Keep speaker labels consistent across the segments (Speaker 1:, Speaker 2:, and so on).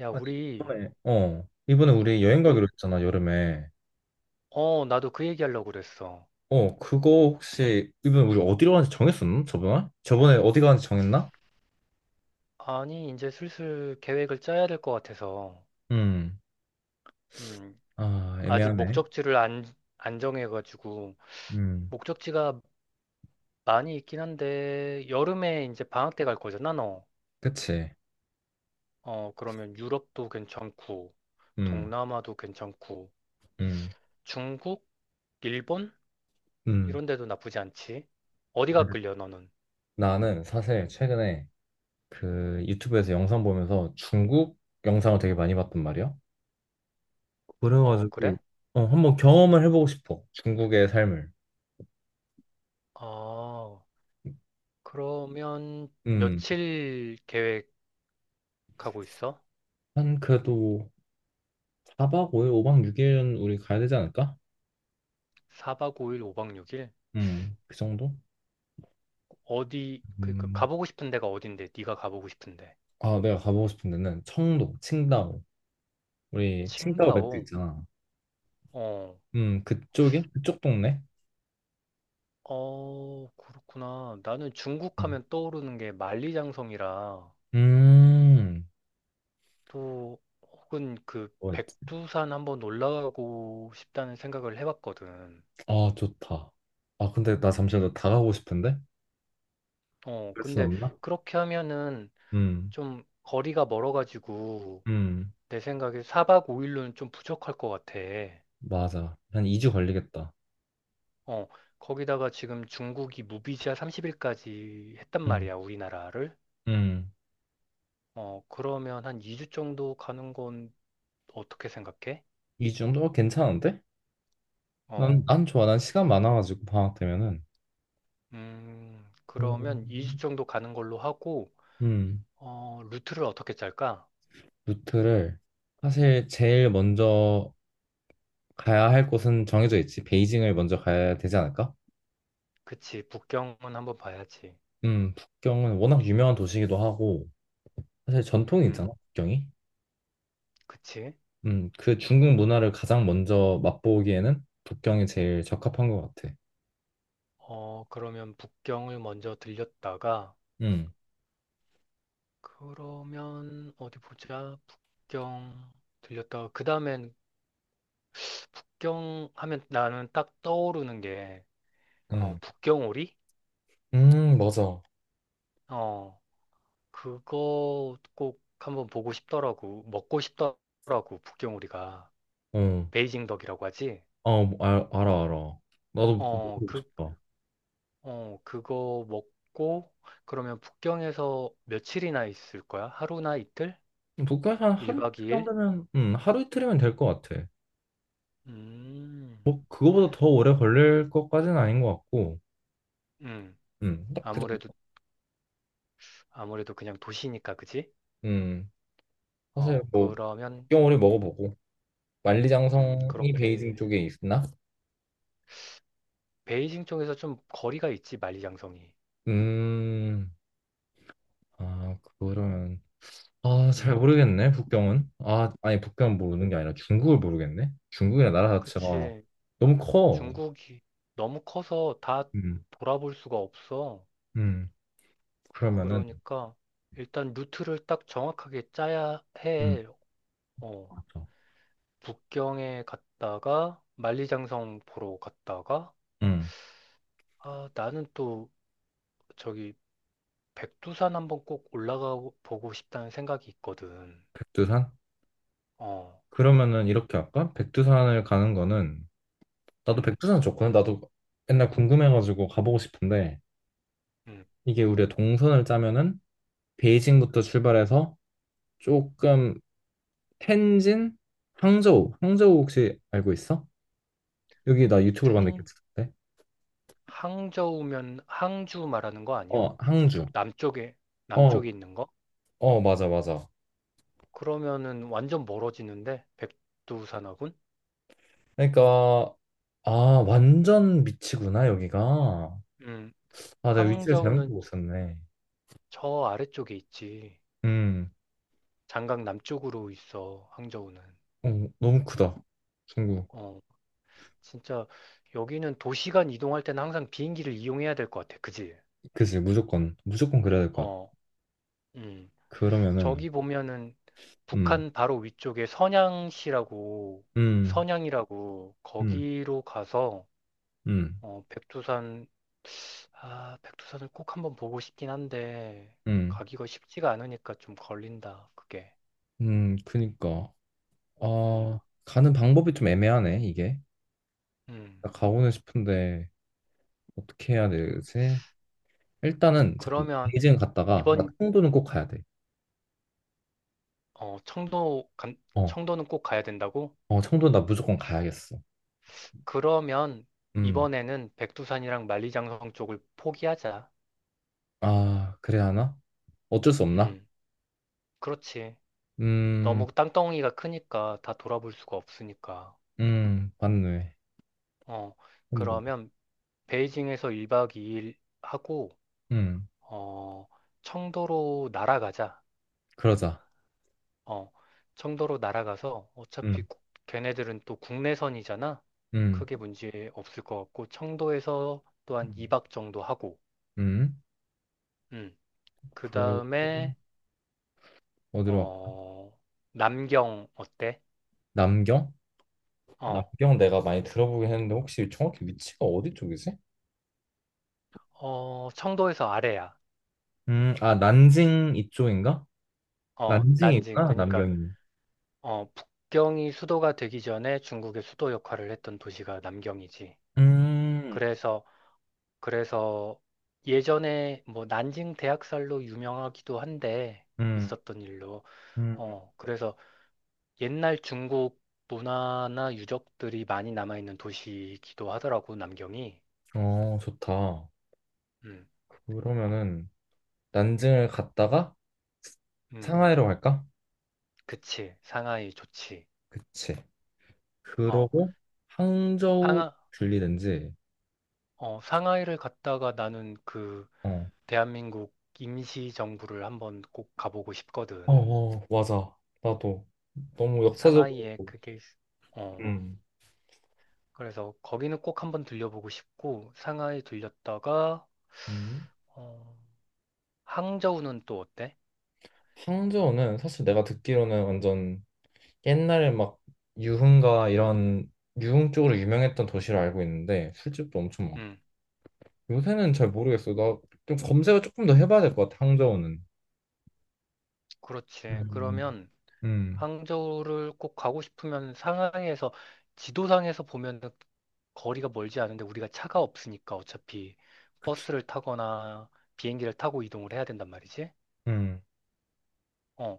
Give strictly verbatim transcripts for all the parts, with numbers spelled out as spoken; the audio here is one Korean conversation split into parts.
Speaker 1: 야,
Speaker 2: 아니,
Speaker 1: 우리,
Speaker 2: 이번에, 어, 이번에 우리 여행
Speaker 1: 요,
Speaker 2: 가기로 했잖아, 여름에.
Speaker 1: 어, 나도 그 얘기하려고 그랬어.
Speaker 2: 어, 그거 혹시, 이번에 우리 어디로 가는지 정했었나? 저번에? 저번에 어디 가는지 정했나?
Speaker 1: 아니, 이제 슬슬 계획을 짜야 될 것 같아서,
Speaker 2: 음,
Speaker 1: 음,
Speaker 2: 아,
Speaker 1: 아직
Speaker 2: 애매하네.
Speaker 1: 목적지를 안, 안 정해가지고,
Speaker 2: 음,
Speaker 1: 목적지가 많이 있긴 한데, 여름에 이제 방학 때 갈 거잖아, 너.
Speaker 2: 그치.
Speaker 1: 어, 그러면 유럽도 괜찮고,
Speaker 2: 음,
Speaker 1: 동남아도 괜찮고,
Speaker 2: 음,
Speaker 1: 중국, 일본?
Speaker 2: 음.
Speaker 1: 이런 데도 나쁘지 않지. 어디가 끌려, 너는?
Speaker 2: 나는 사실 최근에 그 유튜브에서 영상 보면서 중국 영상을 되게 많이 봤단 말이야.
Speaker 1: 어,
Speaker 2: 그래가지고,
Speaker 1: 그래?
Speaker 2: 어, 한번 경험을 해보고 싶어. 중국의 삶을.
Speaker 1: 아, 그러면
Speaker 2: 음,
Speaker 1: 며칠 계획하고 있어?
Speaker 2: 한 그래도 사 박 오 일, 오 박 육 일은 우리 가야 되지 않을까?
Speaker 1: 사박오일 오박육일.
Speaker 2: 음, 그 정도?
Speaker 1: 어디, 그니까
Speaker 2: 음,
Speaker 1: 가보고 싶은 데가 어딘데? 네가 가보고 싶은데.
Speaker 2: 아, 내가 가보고 싶은 데는 청도, 칭다오. 우리 칭다오 맥주
Speaker 1: 칭다오.
Speaker 2: 있잖아.
Speaker 1: 어.
Speaker 2: 음, 그쪽에? 그쪽 동네?
Speaker 1: 어, 그렇구나. 나는 중국
Speaker 2: 음.
Speaker 1: 하면 떠오르는 게 만리장성이라,
Speaker 2: 음,
Speaker 1: 또 혹은 그
Speaker 2: 뭐 있지?
Speaker 1: 백두산 한번 올라가고 싶다는 생각을 해봤거든.
Speaker 2: 아, 좋다. 아, 근데 나 잠시만 나다 가고 싶은데?
Speaker 1: 어,
Speaker 2: 그럴 순
Speaker 1: 근데
Speaker 2: 없나?
Speaker 1: 그렇게 하면은
Speaker 2: 음,
Speaker 1: 좀 거리가 멀어가지고
Speaker 2: 음,
Speaker 1: 내 생각에 사박오일로는 좀 부족할 것 같아.
Speaker 2: 맞아. 한 이 주 걸리겠다.
Speaker 1: 어, 거기다가 지금 중국이 무비자 삼십 일까지 했단
Speaker 2: 음,
Speaker 1: 말이야, 우리나라를.
Speaker 2: 음.
Speaker 1: 어, 그러면 한 이 주 정도 가는 건 어떻게 생각해?
Speaker 2: 이 주 정도? 어, 괜찮은데? 난,
Speaker 1: 어,
Speaker 2: 난 좋아. 난 시간 많아가지고, 방학 되면은.
Speaker 1: 음, 그러면 이 주
Speaker 2: 음,
Speaker 1: 정도 가는 걸로 하고,
Speaker 2: 음,
Speaker 1: 어, 루트를 어떻게 짤까?
Speaker 2: 루트를 사실 제일 먼저 가야 할 곳은 정해져 있지. 베이징을 먼저 가야 되지 않을까?
Speaker 1: 그치, 북경은 한번 봐야지.
Speaker 2: 음, 북경은 워낙 유명한 도시이기도 하고, 사실 전통이
Speaker 1: 음,
Speaker 2: 있잖아, 북경이.
Speaker 1: 그치.
Speaker 2: 음, 그 중국 문화를 가장 먼저 맛보기에는 북경이 제일 적합한 것 같아.
Speaker 1: 어, 그러면 북경을 먼저 들렸다가,
Speaker 2: 음,
Speaker 1: 그러면 어디 보자. 북경 들렸다가, 그 다음엔 북경 하면 나는 딱 떠오르는 게, 어,
Speaker 2: 음,
Speaker 1: 북경오리?
Speaker 2: 음, 맞아. 어,
Speaker 1: 어, 그거 꼭 한번 보고 싶더라고. 먹고 싶더라고, 북경오리가. 베이징 덕이라고 하지?
Speaker 2: 어, 알, 알아, 알아. 나도 그거
Speaker 1: 어,
Speaker 2: 먹어보고
Speaker 1: 그,
Speaker 2: 싶다.
Speaker 1: 어, 그거 먹고, 그러면 북경에서 며칠이나 있을 거야? 하루나 이틀?
Speaker 2: 북경에서 한 하루 이틀
Speaker 1: 일 박 이 일?
Speaker 2: 정도면, 음, 하루 이틀이면 될 것 같아.
Speaker 1: 음,
Speaker 2: 뭐, 그거보다 더 오래 걸릴 것까지는 아닌 것 같고,
Speaker 1: 음,
Speaker 2: 음, 딱그
Speaker 1: 아무래도,
Speaker 2: 정도.
Speaker 1: 아무래도 그냥 도시니까, 그지?
Speaker 2: 음, 사실
Speaker 1: 어,
Speaker 2: 뭐,
Speaker 1: 그러면,
Speaker 2: 북경오리 먹어보고,
Speaker 1: 음,
Speaker 2: 만리장성이
Speaker 1: 그렇게.
Speaker 2: 베이징 쪽에 있나?
Speaker 1: 베이징 쪽에서 좀 거리가 있지, 만리장성이.
Speaker 2: 음, 아, 그거는, 아, 잘
Speaker 1: 음,
Speaker 2: 모르겠네, 북경은. 아, 아니, 북경은 모르는 게 아니라 중국을 모르겠네? 중국이나 나라 자체가
Speaker 1: 그치.
Speaker 2: 너무 커.
Speaker 1: 중국이 너무 커서 다
Speaker 2: 음,
Speaker 1: 돌아볼 수가 없어.
Speaker 2: 음, 그러면은,
Speaker 1: 그러니까 일단 루트를 딱 정확하게 짜야
Speaker 2: 음,
Speaker 1: 해. 어,
Speaker 2: 맞죠.
Speaker 1: 북경에 갔다가 만리장성 보러 갔다가,
Speaker 2: 음,
Speaker 1: 아, 나는 또 저기 백두산 한번 꼭 올라가 보고 싶다는 생각이 있거든.
Speaker 2: 백두산?
Speaker 1: 어.
Speaker 2: 그러면은 이렇게 할까? 백두산을 가는 거는, 나도
Speaker 1: 음.
Speaker 2: 백두산 좋거든. 나도 옛날 궁금해가지고 가보고 싶은데,
Speaker 1: 음.
Speaker 2: 이게 우리가 동선을 짜면은, 베이징부터 출발해서 조금 텐진, 항저우. 항저우 혹시 알고 있어? 여기 나 유튜브로 봤는데
Speaker 1: 텐,
Speaker 2: 괜찮은데?
Speaker 1: 항저우면 항주 말하는 거 아니야?
Speaker 2: 어,
Speaker 1: 저쪽
Speaker 2: 항주.
Speaker 1: 남쪽에
Speaker 2: 어,
Speaker 1: 남쪽에 있는 거?
Speaker 2: 어, 맞아, 맞아.
Speaker 1: 그러면은 완전 멀어지는데 백두산하고는.
Speaker 2: 그러니까 아, 완전 미치구나, 여기가.
Speaker 1: 음,
Speaker 2: 아, 내가 위치를 잘못
Speaker 1: 항저우는
Speaker 2: 보고 있었네.
Speaker 1: 저 아래쪽에 있지.
Speaker 2: 음,
Speaker 1: 장강 남쪽으로 있어, 항저우는.
Speaker 2: 어, 너무 크다. 중국.
Speaker 1: 어, 진짜 여기는 도시간 이동할 때는 항상 비행기를 이용해야 될 것 같아. 그지?
Speaker 2: 그치, 무조건. 무조건 그래야 될 것 같아.
Speaker 1: 어. 음.
Speaker 2: 그러면은,
Speaker 1: 저기 보면은
Speaker 2: 음,
Speaker 1: 북한 바로 위쪽에 선양시라고,
Speaker 2: 음,
Speaker 1: 선양이라고
Speaker 2: 음,
Speaker 1: 거기로 가서,
Speaker 2: 음,
Speaker 1: 어, 백두산 아, 백두산을 꼭 한번 보고 싶긴 한데,
Speaker 2: 음,
Speaker 1: 가기가 쉽지가 않으니까 좀 걸린다, 그게.
Speaker 2: 음, 그니까.
Speaker 1: 음.
Speaker 2: 아, 가는 방법이 좀 애매하네, 이게.
Speaker 1: 음.
Speaker 2: 나 가고는 싶은데. 어떻게 해야 되지? 일단은 잠깐
Speaker 1: 그러면,
Speaker 2: 베이징 갔다가 나
Speaker 1: 이번,
Speaker 2: 청도는 꼭 가야 돼.
Speaker 1: 어, 청도, 간-
Speaker 2: 어,
Speaker 1: 청도는 꼭 가야 된다고?
Speaker 2: 어 청도 나 무조건 가야겠어.
Speaker 1: 그러면,
Speaker 2: 음,
Speaker 1: 이번에는 백두산이랑 만리장성 쪽을 포기하자.
Speaker 2: 아 그래야 하나? 어쩔 수 없나?
Speaker 1: 음, 그렇지.
Speaker 2: 음,
Speaker 1: 너무 땅덩이가 크니까 다 돌아볼 수가 없으니까.
Speaker 2: 음 맞네.
Speaker 1: 어,
Speaker 2: 그럼 뭐,
Speaker 1: 그러면, 베이징에서 일 박 이 일 하고,
Speaker 2: 음
Speaker 1: 어, 청도로 날아가자.
Speaker 2: 그러자.
Speaker 1: 어, 청도로 날아가서 어차피
Speaker 2: 음,
Speaker 1: 국- 걔네들은 또 국내선이잖아.
Speaker 2: 음,
Speaker 1: 크게 문제 없을 것 같고 청도에서 또한 이 박 정도 하고.
Speaker 2: 음.
Speaker 1: 음.
Speaker 2: 그러고
Speaker 1: 그다음에
Speaker 2: 어디로 갈까?
Speaker 1: 어, 남경 어때?
Speaker 2: 남경?
Speaker 1: 어.
Speaker 2: 남경 내가 많이 들어보긴 했는데 혹시 정확히 위치가 어디 쪽이지?
Speaker 1: 어, 청도에서 아래야.
Speaker 2: 음, 아 난징 이쪽인가?
Speaker 1: 어, 난징.
Speaker 2: 난징이구나
Speaker 1: 그러니까
Speaker 2: 남경이.
Speaker 1: 어, 북경이 수도가 되기 전에 중국의 수도 역할을 했던 도시가 남경이지.
Speaker 2: 음,
Speaker 1: 그래서 그래서 예전에 뭐 난징 대학살로 유명하기도 한데,
Speaker 2: 음,
Speaker 1: 있었던 일로.
Speaker 2: 음.
Speaker 1: 어, 그래서 옛날 중국 문화나 유적들이 많이 남아있는 도시이기도 하더라고, 남경이.
Speaker 2: 어, 좋다.
Speaker 1: 음,
Speaker 2: 그러면은 난징을 갔다가
Speaker 1: 음,
Speaker 2: 상하이로 갈까?
Speaker 1: 그치. 상하이 좋지.
Speaker 2: 그치.
Speaker 1: 어,
Speaker 2: 그러고 항저우
Speaker 1: 상하,
Speaker 2: 들리든지.
Speaker 1: 어, 상하이를 갔다가 나는 그
Speaker 2: 어.
Speaker 1: 대한민국 임시정부를 한번 꼭 가보고
Speaker 2: 어,
Speaker 1: 싶거든.
Speaker 2: 어, 맞아. 나도 너무 역사적으로.
Speaker 1: 상하이에 그게, 있- 어,
Speaker 2: 음.
Speaker 1: 그래서 거기는 꼭 한번 들려보고 싶고, 상하이 들렸다가,
Speaker 2: 음.
Speaker 1: 어, 항저우는 또 어때?
Speaker 2: 항저우는 사실 내가 듣기로는 완전 옛날에 막 유흥가 이런 유흥 쪽으로 유명했던 도시로 알고 있는데 술집도 엄청 많고.
Speaker 1: 음,
Speaker 2: 요새는 잘 모르겠어. 나 좀 검색을 조금 더 해봐야 될 것 같아. 항저우는.
Speaker 1: 그렇지.
Speaker 2: 음.
Speaker 1: 그러면,
Speaker 2: 음.
Speaker 1: 항저우를 꼭 가고 싶으면 상하이에서 지도상에서 보면 거리가 멀지 않은데, 우리가 차가 없으니까 어차피 버스를 타거나 비행기를 타고 이동을 해야 된단 말이지.
Speaker 2: 음,
Speaker 1: 어,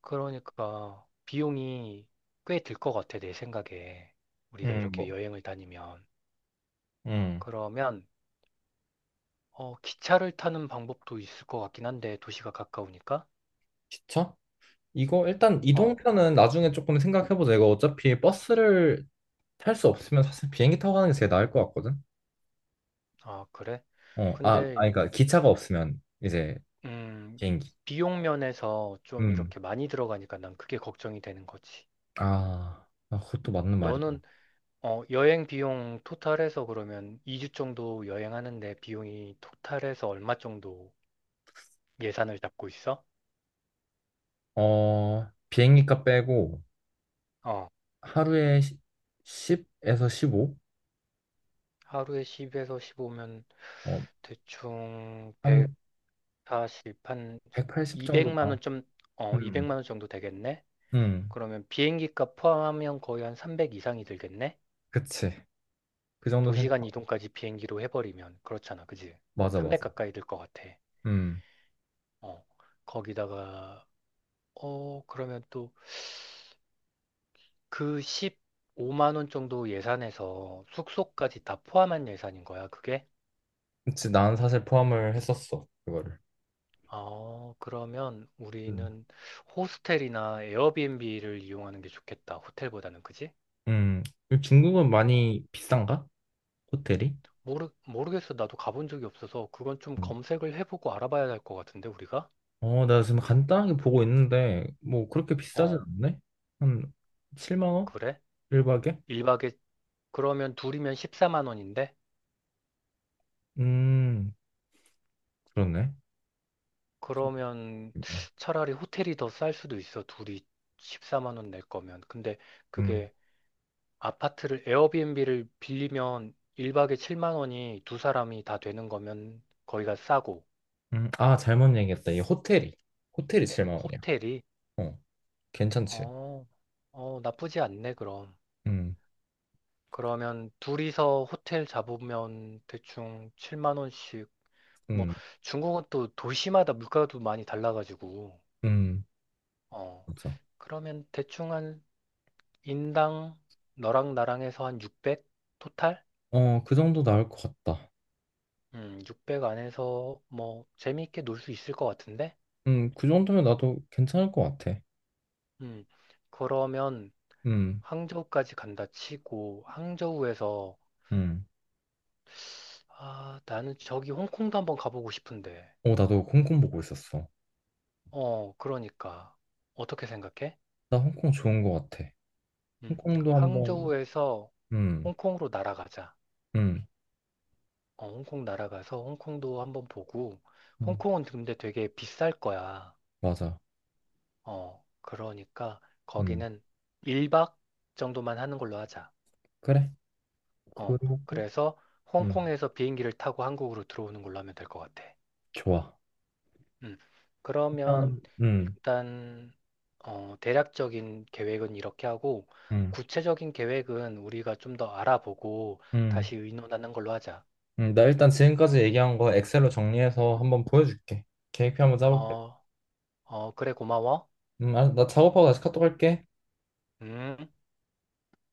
Speaker 1: 그러니까 비용이 꽤 들 것 같아, 내 생각에. 우리가
Speaker 2: 음,
Speaker 1: 이렇게
Speaker 2: 뭐,
Speaker 1: 여행을 다니면.
Speaker 2: 음,
Speaker 1: 그러면 어, 기차를 타는 방법도 있을 것 같긴 한데 도시가 가까우니까.
Speaker 2: 기차? 이거 일단
Speaker 1: 어,
Speaker 2: 이동편은 나중에 조금 생각해보자. 이거 어차피 버스를 탈 수 없으면 사실 비행기 타고 가는 게 제일 나을 것 같거든.
Speaker 1: 아, 그래?
Speaker 2: 어, 아,
Speaker 1: 근데
Speaker 2: 아니, 그러니까 기차가 없으면 이제
Speaker 1: 음,
Speaker 2: 비행기.
Speaker 1: 비용 면에서 좀
Speaker 2: 음,
Speaker 1: 이렇게 많이 들어가니까 난 그게 걱정이 되는 거지.
Speaker 2: 아, 아, 그것도 맞는 말이다.
Speaker 1: 너는 어, 여행 비용 토탈해서 그러면 이 주 정도 여행하는데 비용이 토탈해서 얼마 정도 예산을 잡고 있어?
Speaker 2: 어, 비행기값 빼고
Speaker 1: 어,
Speaker 2: 하루에 십에서 십오?
Speaker 1: 하루에 십에서 십오면
Speaker 2: 어,
Speaker 1: 대충
Speaker 2: 한
Speaker 1: 백사십, 한
Speaker 2: 백팔십 정도
Speaker 1: 이백만
Speaker 2: 나오.
Speaker 1: 원 좀, 어,
Speaker 2: 음,
Speaker 1: 이백만 원 정도 되겠네?
Speaker 2: 음,
Speaker 1: 그러면 비행기 값 포함하면 거의 한 삼백 이상이 들겠네?
Speaker 2: 그치. 그 정도 생각.
Speaker 1: 도시간 이동까지 비행기로 해버리면 그렇잖아, 그지?
Speaker 2: 맞아,
Speaker 1: 삼백
Speaker 2: 맞아.
Speaker 1: 가까이 들 것 같아.
Speaker 2: 음.
Speaker 1: 어, 거기다가 어 그러면 또 그 십오만 원 정도 예산에서 숙소까지 다 포함한 예산인 거야, 그게?
Speaker 2: 그치, 난 사실 포함을 했었어, 그거를.
Speaker 1: 어, 그러면
Speaker 2: 음.
Speaker 1: 우리는 호스텔이나 에어비앤비를 이용하는 게 좋겠다, 호텔보다는, 그지?
Speaker 2: 음, 중국은
Speaker 1: 어,
Speaker 2: 많이 비싼가? 호텔이?
Speaker 1: 모르, 모르겠어. 나도 가본 적이 없어서 그건 좀
Speaker 2: 음.
Speaker 1: 검색을 해보고 알아봐야 할 것 같은데, 우리가?
Speaker 2: 어, 나 지금 간단하게 보고 있는데, 뭐, 그렇게 비싸진
Speaker 1: 어,
Speaker 2: 않네? 한 칠만 원?
Speaker 1: 그래?
Speaker 2: 일 박에?
Speaker 1: 일 박에, 그러면 둘이면 십사만 원인데?
Speaker 2: 음, 그렇네.
Speaker 1: 그러면
Speaker 2: 네.
Speaker 1: 차라리 호텔이 더 쌀 수도 있어. 둘이 십사만 원 낼 거면. 근데
Speaker 2: 음,
Speaker 1: 그게 아파트를 에어비앤비를 빌리면 일 박에 칠만 원이 두 사람이 다 되는 거면 거기가 싸고.
Speaker 2: 음, 아, 잘못 얘기했다. 이 호텔이. 호텔이 칠만 원이야.
Speaker 1: 호텔이.
Speaker 2: 어, 괜찮지.
Speaker 1: 어, 어, 나쁘지 않네 그럼.
Speaker 2: 음,
Speaker 1: 그러면 둘이서 호텔 잡으면 대충 칠만 원씩. 뭐
Speaker 2: 음,
Speaker 1: 중국은 또 도시마다 물가도 많이 달라가지고.
Speaker 2: 음,
Speaker 1: 어.
Speaker 2: 맞아.
Speaker 1: 그러면 대충 한 인당 너랑 나랑 에서한 육백? 토탈?
Speaker 2: 어, 그 정도 나을 것 같다.
Speaker 1: 음, 육백 안에서 뭐 재미있게 놀 수 있을 것 같은데?
Speaker 2: 음, 그 정도면 나도 괜찮을 것 같아.
Speaker 1: 음, 그러면
Speaker 2: 음,
Speaker 1: 항저우까지 간다 치고 항저우에서,
Speaker 2: 음.
Speaker 1: 아, 나는 저기 홍콩도 한번 가보고 싶은데.
Speaker 2: 어, 나도 홍콩 보고 있었어.
Speaker 1: 어, 그러니까. 어떻게 생각해?
Speaker 2: 나 홍콩 좋은 거 같아.
Speaker 1: 음,
Speaker 2: 홍콩도 한번,
Speaker 1: 항저우에서
Speaker 2: 음,
Speaker 1: 홍콩으로 날아가자.
Speaker 2: 음,
Speaker 1: 어, 홍콩 날아가서 홍콩도 한번 보고,
Speaker 2: 음,
Speaker 1: 홍콩은 근데 되게 비쌀 거야.
Speaker 2: 맞아.
Speaker 1: 어, 그러니까
Speaker 2: 음,
Speaker 1: 거기는 일 박 정도만 하는 걸로 하자.
Speaker 2: 그래.
Speaker 1: 어,
Speaker 2: 그리고,
Speaker 1: 그래서
Speaker 2: 음,
Speaker 1: 홍콩에서 비행기를 타고 한국으로 들어오는 걸로 하면 될 것 같아.
Speaker 2: 좋아.
Speaker 1: 음, 그러면
Speaker 2: 일단, 음,
Speaker 1: 일단 어, 대략적인 계획은 이렇게 하고
Speaker 2: 음,
Speaker 1: 구체적인 계획은 우리가 좀 더 알아보고
Speaker 2: 음,
Speaker 1: 다시 의논하는 걸로 하자.
Speaker 2: 음, 나 일단 지금까지 얘기한 거 엑셀로 정리해서 한번 보여줄게. 계획표 한번 짜볼게.
Speaker 1: 어, 어, 그래 고마워.
Speaker 2: 음, 아, 나 작업하고 다시 카톡 할게.
Speaker 1: 음.